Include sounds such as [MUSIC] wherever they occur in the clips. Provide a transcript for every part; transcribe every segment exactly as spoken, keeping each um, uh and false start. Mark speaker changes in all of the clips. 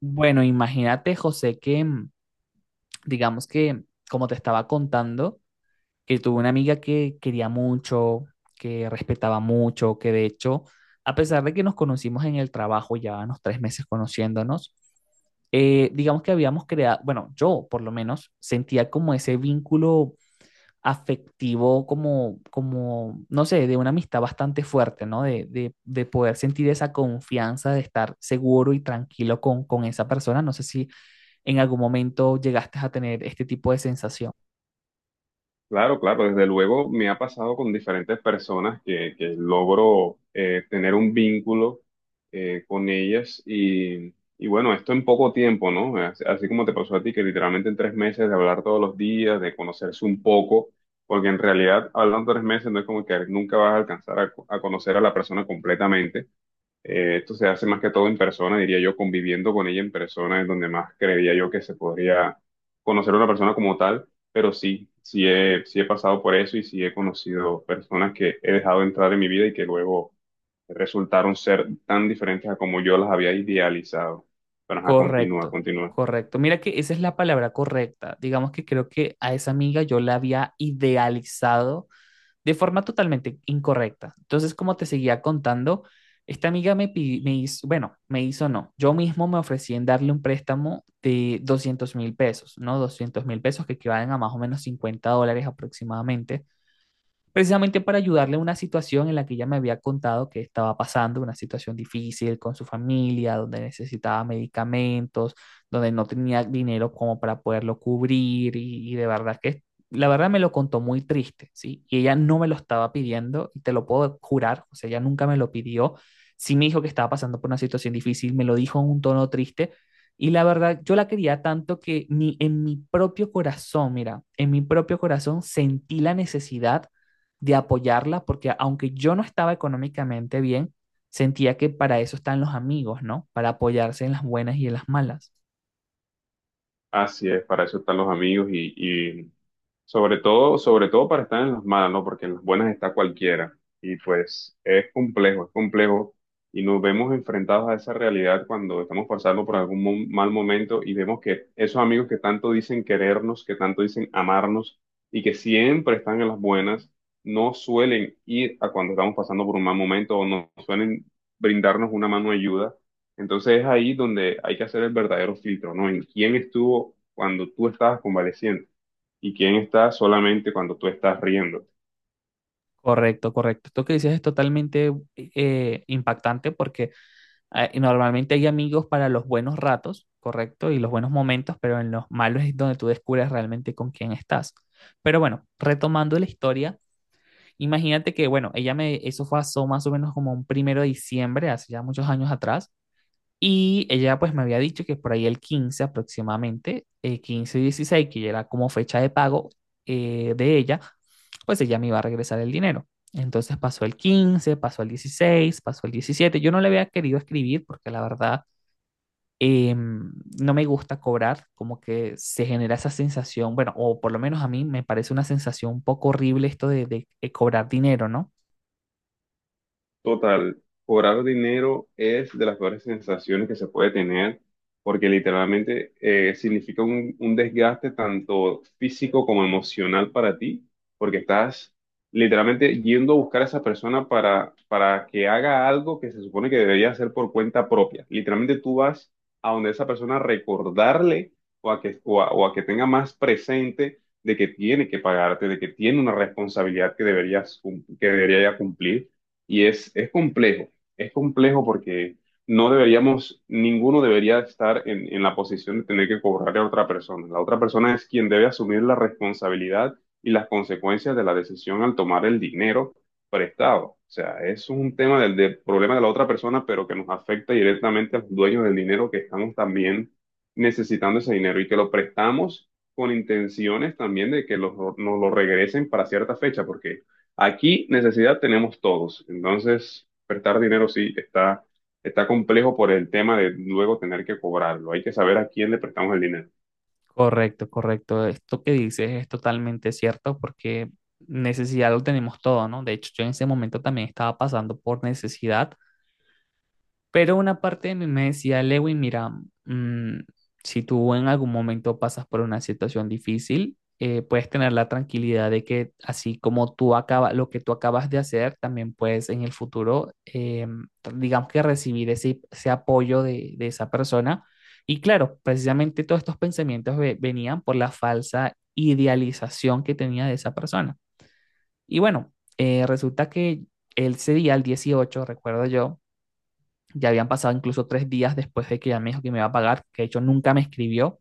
Speaker 1: Bueno, imagínate, José, que mm, digamos que, como te estaba contando, que tuve una amiga que quería mucho, que respetaba mucho, que de hecho, a pesar de que nos conocimos en el trabajo, ya unos tres meses conociéndonos, eh, digamos que habíamos creado, bueno, yo por lo menos sentía como ese vínculo afectivo, como, como, no sé, de una amistad bastante fuerte, ¿no? De, de, de poder sentir esa confianza, de estar seguro y tranquilo con, con esa persona. No sé si en algún momento llegaste a tener este tipo de sensación.
Speaker 2: Claro, claro, desde luego me ha pasado con diferentes personas que, que logro eh, tener un vínculo eh, con ellas y, y bueno, esto en poco tiempo, ¿no? Así, así como te pasó a ti, que literalmente en tres meses de hablar todos los días, de conocerse un poco, porque en realidad hablando tres meses no es como que nunca vas a alcanzar a a conocer a la persona completamente. Eh, esto se hace más que todo en persona, diría yo. Conviviendo con ella en persona es donde más creería yo que se podría conocer a una persona como tal, pero sí, sí he, sí he pasado por eso y sí he conocido personas que he dejado entrar en mi vida y que luego resultaron ser tan diferentes a como yo las había idealizado. Pero ajá, continúa,
Speaker 1: Correcto,
Speaker 2: continúa.
Speaker 1: correcto. Mira que esa es la palabra correcta. Digamos que creo que a esa amiga yo la había idealizado de forma totalmente incorrecta. Entonces, como te seguía contando, esta amiga me, pi- me hizo, bueno, me hizo no. Yo mismo me ofrecí en darle un préstamo de doscientos mil pesos, ¿no? Doscientos mil pesos que equivalen a más o menos cincuenta dólares aproximadamente, precisamente para ayudarle a una situación en la que ella me había contado que estaba pasando, una situación difícil con su familia, donde necesitaba medicamentos, donde no tenía dinero como para poderlo cubrir y, y de verdad que la verdad me lo contó muy triste, ¿sí? Y ella no me lo estaba pidiendo y te lo puedo jurar, o sea, ella nunca me lo pidió, sí me dijo que estaba pasando por una situación difícil, me lo dijo en un tono triste, y la verdad, yo la quería tanto que ni en mi propio corazón, mira, en mi propio corazón sentí la necesidad de apoyarla, porque aunque yo no estaba económicamente bien, sentía que para eso están los amigos, ¿no? Para apoyarse en las buenas y en las malas.
Speaker 2: Así es, para eso están los amigos y sobre todo, sobre todo para estar en las malas, ¿no? Porque en las buenas está cualquiera. Y pues es complejo, es complejo. Y nos vemos enfrentados a esa realidad cuando estamos pasando por algún mo- mal momento y vemos que esos amigos que tanto dicen querernos, que tanto dicen amarnos y que siempre están en las buenas, no suelen ir a cuando estamos pasando por un mal momento o no suelen brindarnos una mano de ayuda. Entonces es ahí donde hay que hacer el verdadero filtro, ¿no? En quién estuvo cuando tú estabas convaleciente y quién está solamente cuando tú estás riendo.
Speaker 1: Correcto, correcto. Esto que dices es totalmente eh, impactante porque eh, normalmente hay amigos para los buenos ratos, correcto, y los buenos momentos, pero en los malos es donde tú descubres realmente con quién estás. Pero bueno, retomando la historia, imagínate que, bueno, ella me, eso fue a- so- más o menos como un primero de diciembre, hace ya muchos años atrás, y ella pues me había dicho que por ahí el quince aproximadamente, eh, quince y dieciséis, que ya era como fecha de pago eh, de ella, pues ella me iba a regresar el dinero. Entonces pasó el quince, pasó el dieciséis, pasó el diecisiete. Yo no le había querido escribir porque la verdad eh, no me gusta cobrar, como que se genera esa sensación, bueno, o por lo menos a mí me parece una sensación un poco horrible esto de, de, de cobrar dinero, ¿no?
Speaker 2: Total, cobrar dinero es de las peores sensaciones que se puede tener porque literalmente eh, significa un, un desgaste tanto físico como emocional para ti, porque estás literalmente yendo a buscar a esa persona para, para que haga algo que se supone que debería hacer por cuenta propia. Literalmente tú vas a donde esa persona a recordarle o a que, o a- o a que tenga más presente de que tiene que pagarte, de que tiene una responsabilidad que deberías, cum- que debería ya cumplir y es, es complejo, es complejo porque no deberíamos, ninguno debería estar en, en la posición de tener que cobrarle a otra persona. La otra persona es quien debe asumir la responsabilidad y las consecuencias de la decisión al tomar el dinero prestado. O sea, es un tema del, del problema de la otra persona, pero que nos afecta directamente a los dueños del dinero que estamos también necesitando ese dinero y que lo prestamos con intenciones también de que los- nos lo regresen para cierta fecha, porque aquí necesidad tenemos todos. Entonces prestar dinero sí está, está complejo por el tema de luego tener que cobrarlo. Hay que saber a quién le prestamos el dinero.
Speaker 1: Correcto, correcto. Esto que dices es totalmente cierto porque necesidad lo tenemos todo, ¿no? De hecho, yo en ese momento también estaba pasando por necesidad, pero una parte de mí me decía, Lewin, mira, mm, si tú en algún momento pasas por una situación difícil, eh, puedes tener la tranquilidad de que así como tú acabas, lo que tú acabas de hacer, también puedes en el futuro, eh, digamos que recibir ese, ese apoyo de, de esa persona. Y claro, precisamente todos estos pensamientos ve- venían por la falsa idealización que tenía de esa persona. Y bueno, eh, resulta que ese día, el dieciocho recuerdo yo, ya habían pasado incluso tres días después de que ella me dijo que me iba a pagar, que de hecho nunca me escribió.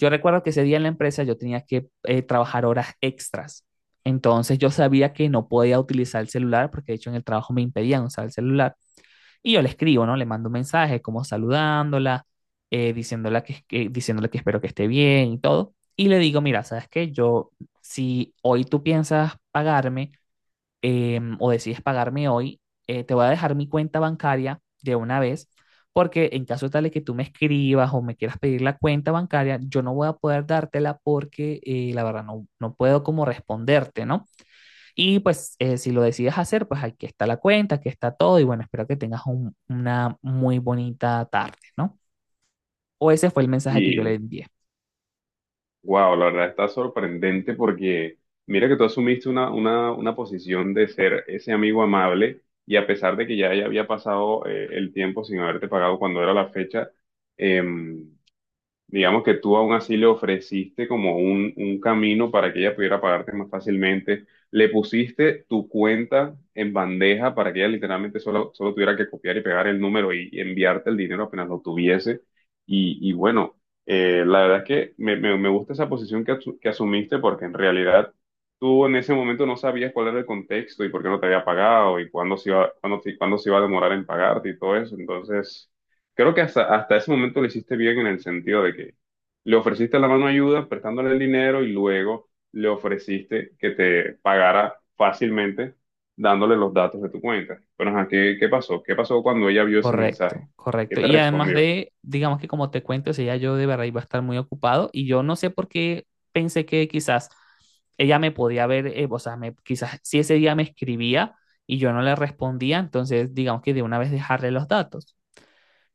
Speaker 1: Yo recuerdo que ese día en la empresa yo tenía que eh, trabajar horas extras. Entonces yo sabía que no podía utilizar el celular porque de hecho en el trabajo me impedían usar el celular. Y yo le escribo, ¿no? Le mando un mensaje como saludándola, eh, diciéndola que, que- diciéndole que espero que esté bien y todo. Y le digo, mira, ¿sabes qué? Yo, si hoy tú piensas pagarme, em, o decides pagarme hoy, eh, te voy a dejar mi cuenta bancaria de una vez, porque en caso tal de que tú me escribas o me quieras pedir la cuenta bancaria, yo no voy a poder dártela porque eh, la verdad no, no puedo como responderte, ¿no? Y pues eh, si lo decides hacer, pues aquí está la cuenta, aquí está todo y bueno, espero que tengas un- una muy bonita tarde, ¿no? O ese fue el mensaje que yo le
Speaker 2: Y
Speaker 1: envié.
Speaker 2: wow, la verdad está sorprendente porque mira que tú asumiste una, una, una posición de ser ese amigo amable, y a pesar de que ya, ya había pasado eh, el tiempo sin haberte pagado cuando era la fecha, em, digamos que tú aún así le ofreciste como un, un camino para que ella pudiera pagarte más fácilmente. Le pusiste tu cuenta en bandeja para que ella literalmente solo, solo tuviera que copiar y pegar el número y, y enviarte el dinero apenas lo tuviese. Y, y bueno, eh, la verdad es que me, me- me gusta esa posición que, asu- que asumiste, porque en realidad tú en ese momento no sabías cuál era el contexto y por qué no te había pagado y cuándo se iba, cuándo, te- cuándo se iba a demorar en pagarte y todo eso. Entonces creo que hasta, hasta ese momento lo hiciste bien, en el sentido de que le ofreciste la mano de ayuda prestándole el dinero y luego le ofreciste que te pagara fácilmente dándole los datos de tu cuenta. Pero, ajá, ¿qué, qué pasó? ¿Qué pasó cuando ella vio ese mensaje?
Speaker 1: Correcto,
Speaker 2: ¿Qué
Speaker 1: correcto.
Speaker 2: te
Speaker 1: Y además
Speaker 2: respondió?
Speaker 1: de, digamos que como te cuento, o sea, ya yo de verdad iba a estar muy ocupado y yo no sé por qué pensé que quizás ella me podía ver, eh, o sea, me- quizás si ese día me escribía y yo no le respondía, entonces digamos que de una vez dejarle los datos.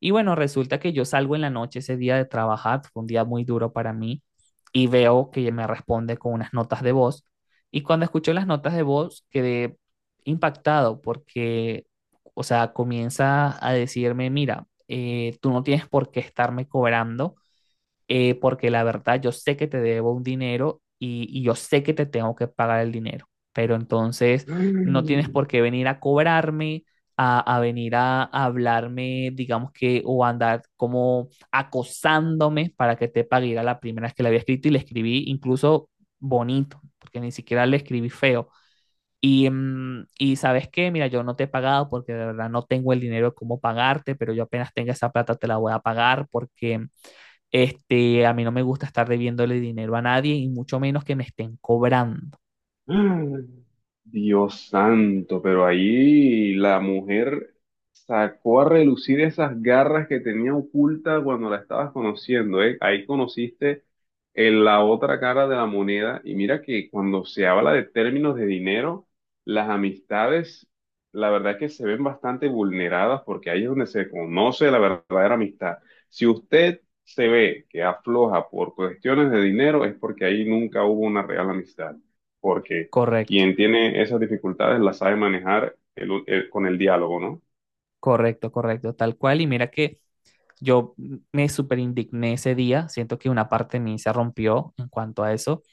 Speaker 1: Y bueno, resulta que yo salgo en la noche ese día de trabajar, fue un día muy duro para mí, y veo que ella me responde con unas notas de voz. Y cuando escucho las notas de voz, quedé impactado porque, o sea, comienza a decirme, mira, eh, tú no tienes por qué estarme cobrando eh, porque la verdad yo sé que te debo un dinero y, y yo sé que te tengo que pagar el dinero, pero entonces no tienes por qué venir a cobrarme, a, a venir a, a hablarme, digamos que, o a andar como acosándome para que te pague. Era la primera vez que le había escrito y le escribí incluso bonito, porque ni siquiera le escribí feo. Y, mm, y sabes qué, mira, yo no te he pagado porque de verdad no tengo el dinero como pagarte, pero yo apenas tenga esa plata te la voy a pagar porque este, a mí no me gusta estar debiéndole dinero a nadie y mucho menos que me estén cobrando.
Speaker 2: [GASPS] Dios santo, pero ahí la mujer sacó a relucir esas garras que tenía oculta cuando la estabas conociendo, ¿eh? Ahí conociste en la otra cara de la moneda, y mira que cuando se habla de términos de dinero, las amistades, la verdad es que se ven bastante vulneradas, porque ahí es donde se conoce la verdadera amistad. Si usted se ve que afloja por cuestiones de dinero, es porque ahí nunca hubo una real amistad, porque
Speaker 1: Correcto,
Speaker 2: quien tiene esas dificultades las sabe manejar el- el- con el diálogo, ¿no?
Speaker 1: correcto, correcto, tal cual. Y mira que yo me súper indigné ese día, siento que una parte de mí se rompió en cuanto a eso.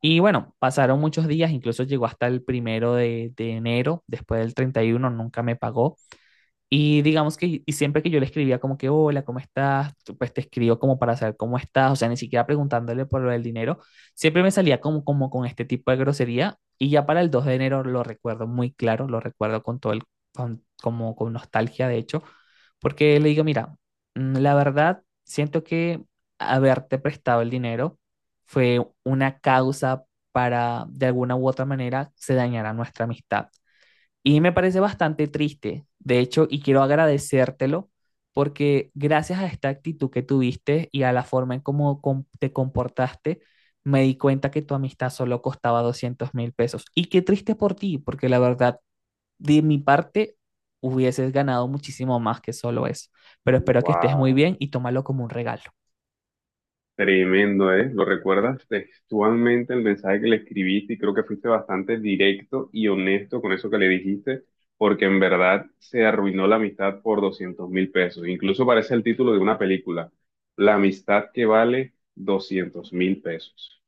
Speaker 1: Y bueno, pasaron muchos días, incluso llegó hasta el primero de, de enero, después del treinta y uno nunca me pagó. Y digamos que y siempre que yo le escribía como que, hola, ¿cómo estás? Tú, pues te escribo como para saber cómo estás, o sea, ni siquiera preguntándole por lo del dinero, siempre me salía como, como con este tipo de grosería y ya para el dos de enero lo recuerdo muy claro, lo recuerdo con todo el, con- como con nostalgia de hecho, porque le digo, mira, mm, la verdad, siento que haberte prestado el dinero fue una causa para, de alguna u otra manera, se dañara nuestra amistad. Y me parece bastante triste, de hecho, y quiero agradecértelo porque gracias a esta actitud que tuviste y a la forma en cómo com- te comportaste, me di cuenta que tu amistad solo costaba doscientos mil pesos. Y qué triste por ti, porque la verdad, de mi parte, hubieses ganado muchísimo más que solo eso. Pero espero que estés muy
Speaker 2: Wow,
Speaker 1: bien y tómalo como un regalo.
Speaker 2: tremendo, ¿eh? ¿Lo recuerdas textualmente el mensaje que le escribiste? Y creo que fuiste bastante directo y honesto con eso que le dijiste, porque en verdad se arruinó la amistad por doscientos mil pesos. Incluso parece el título de una película, La amistad que vale doscientos mil pesos.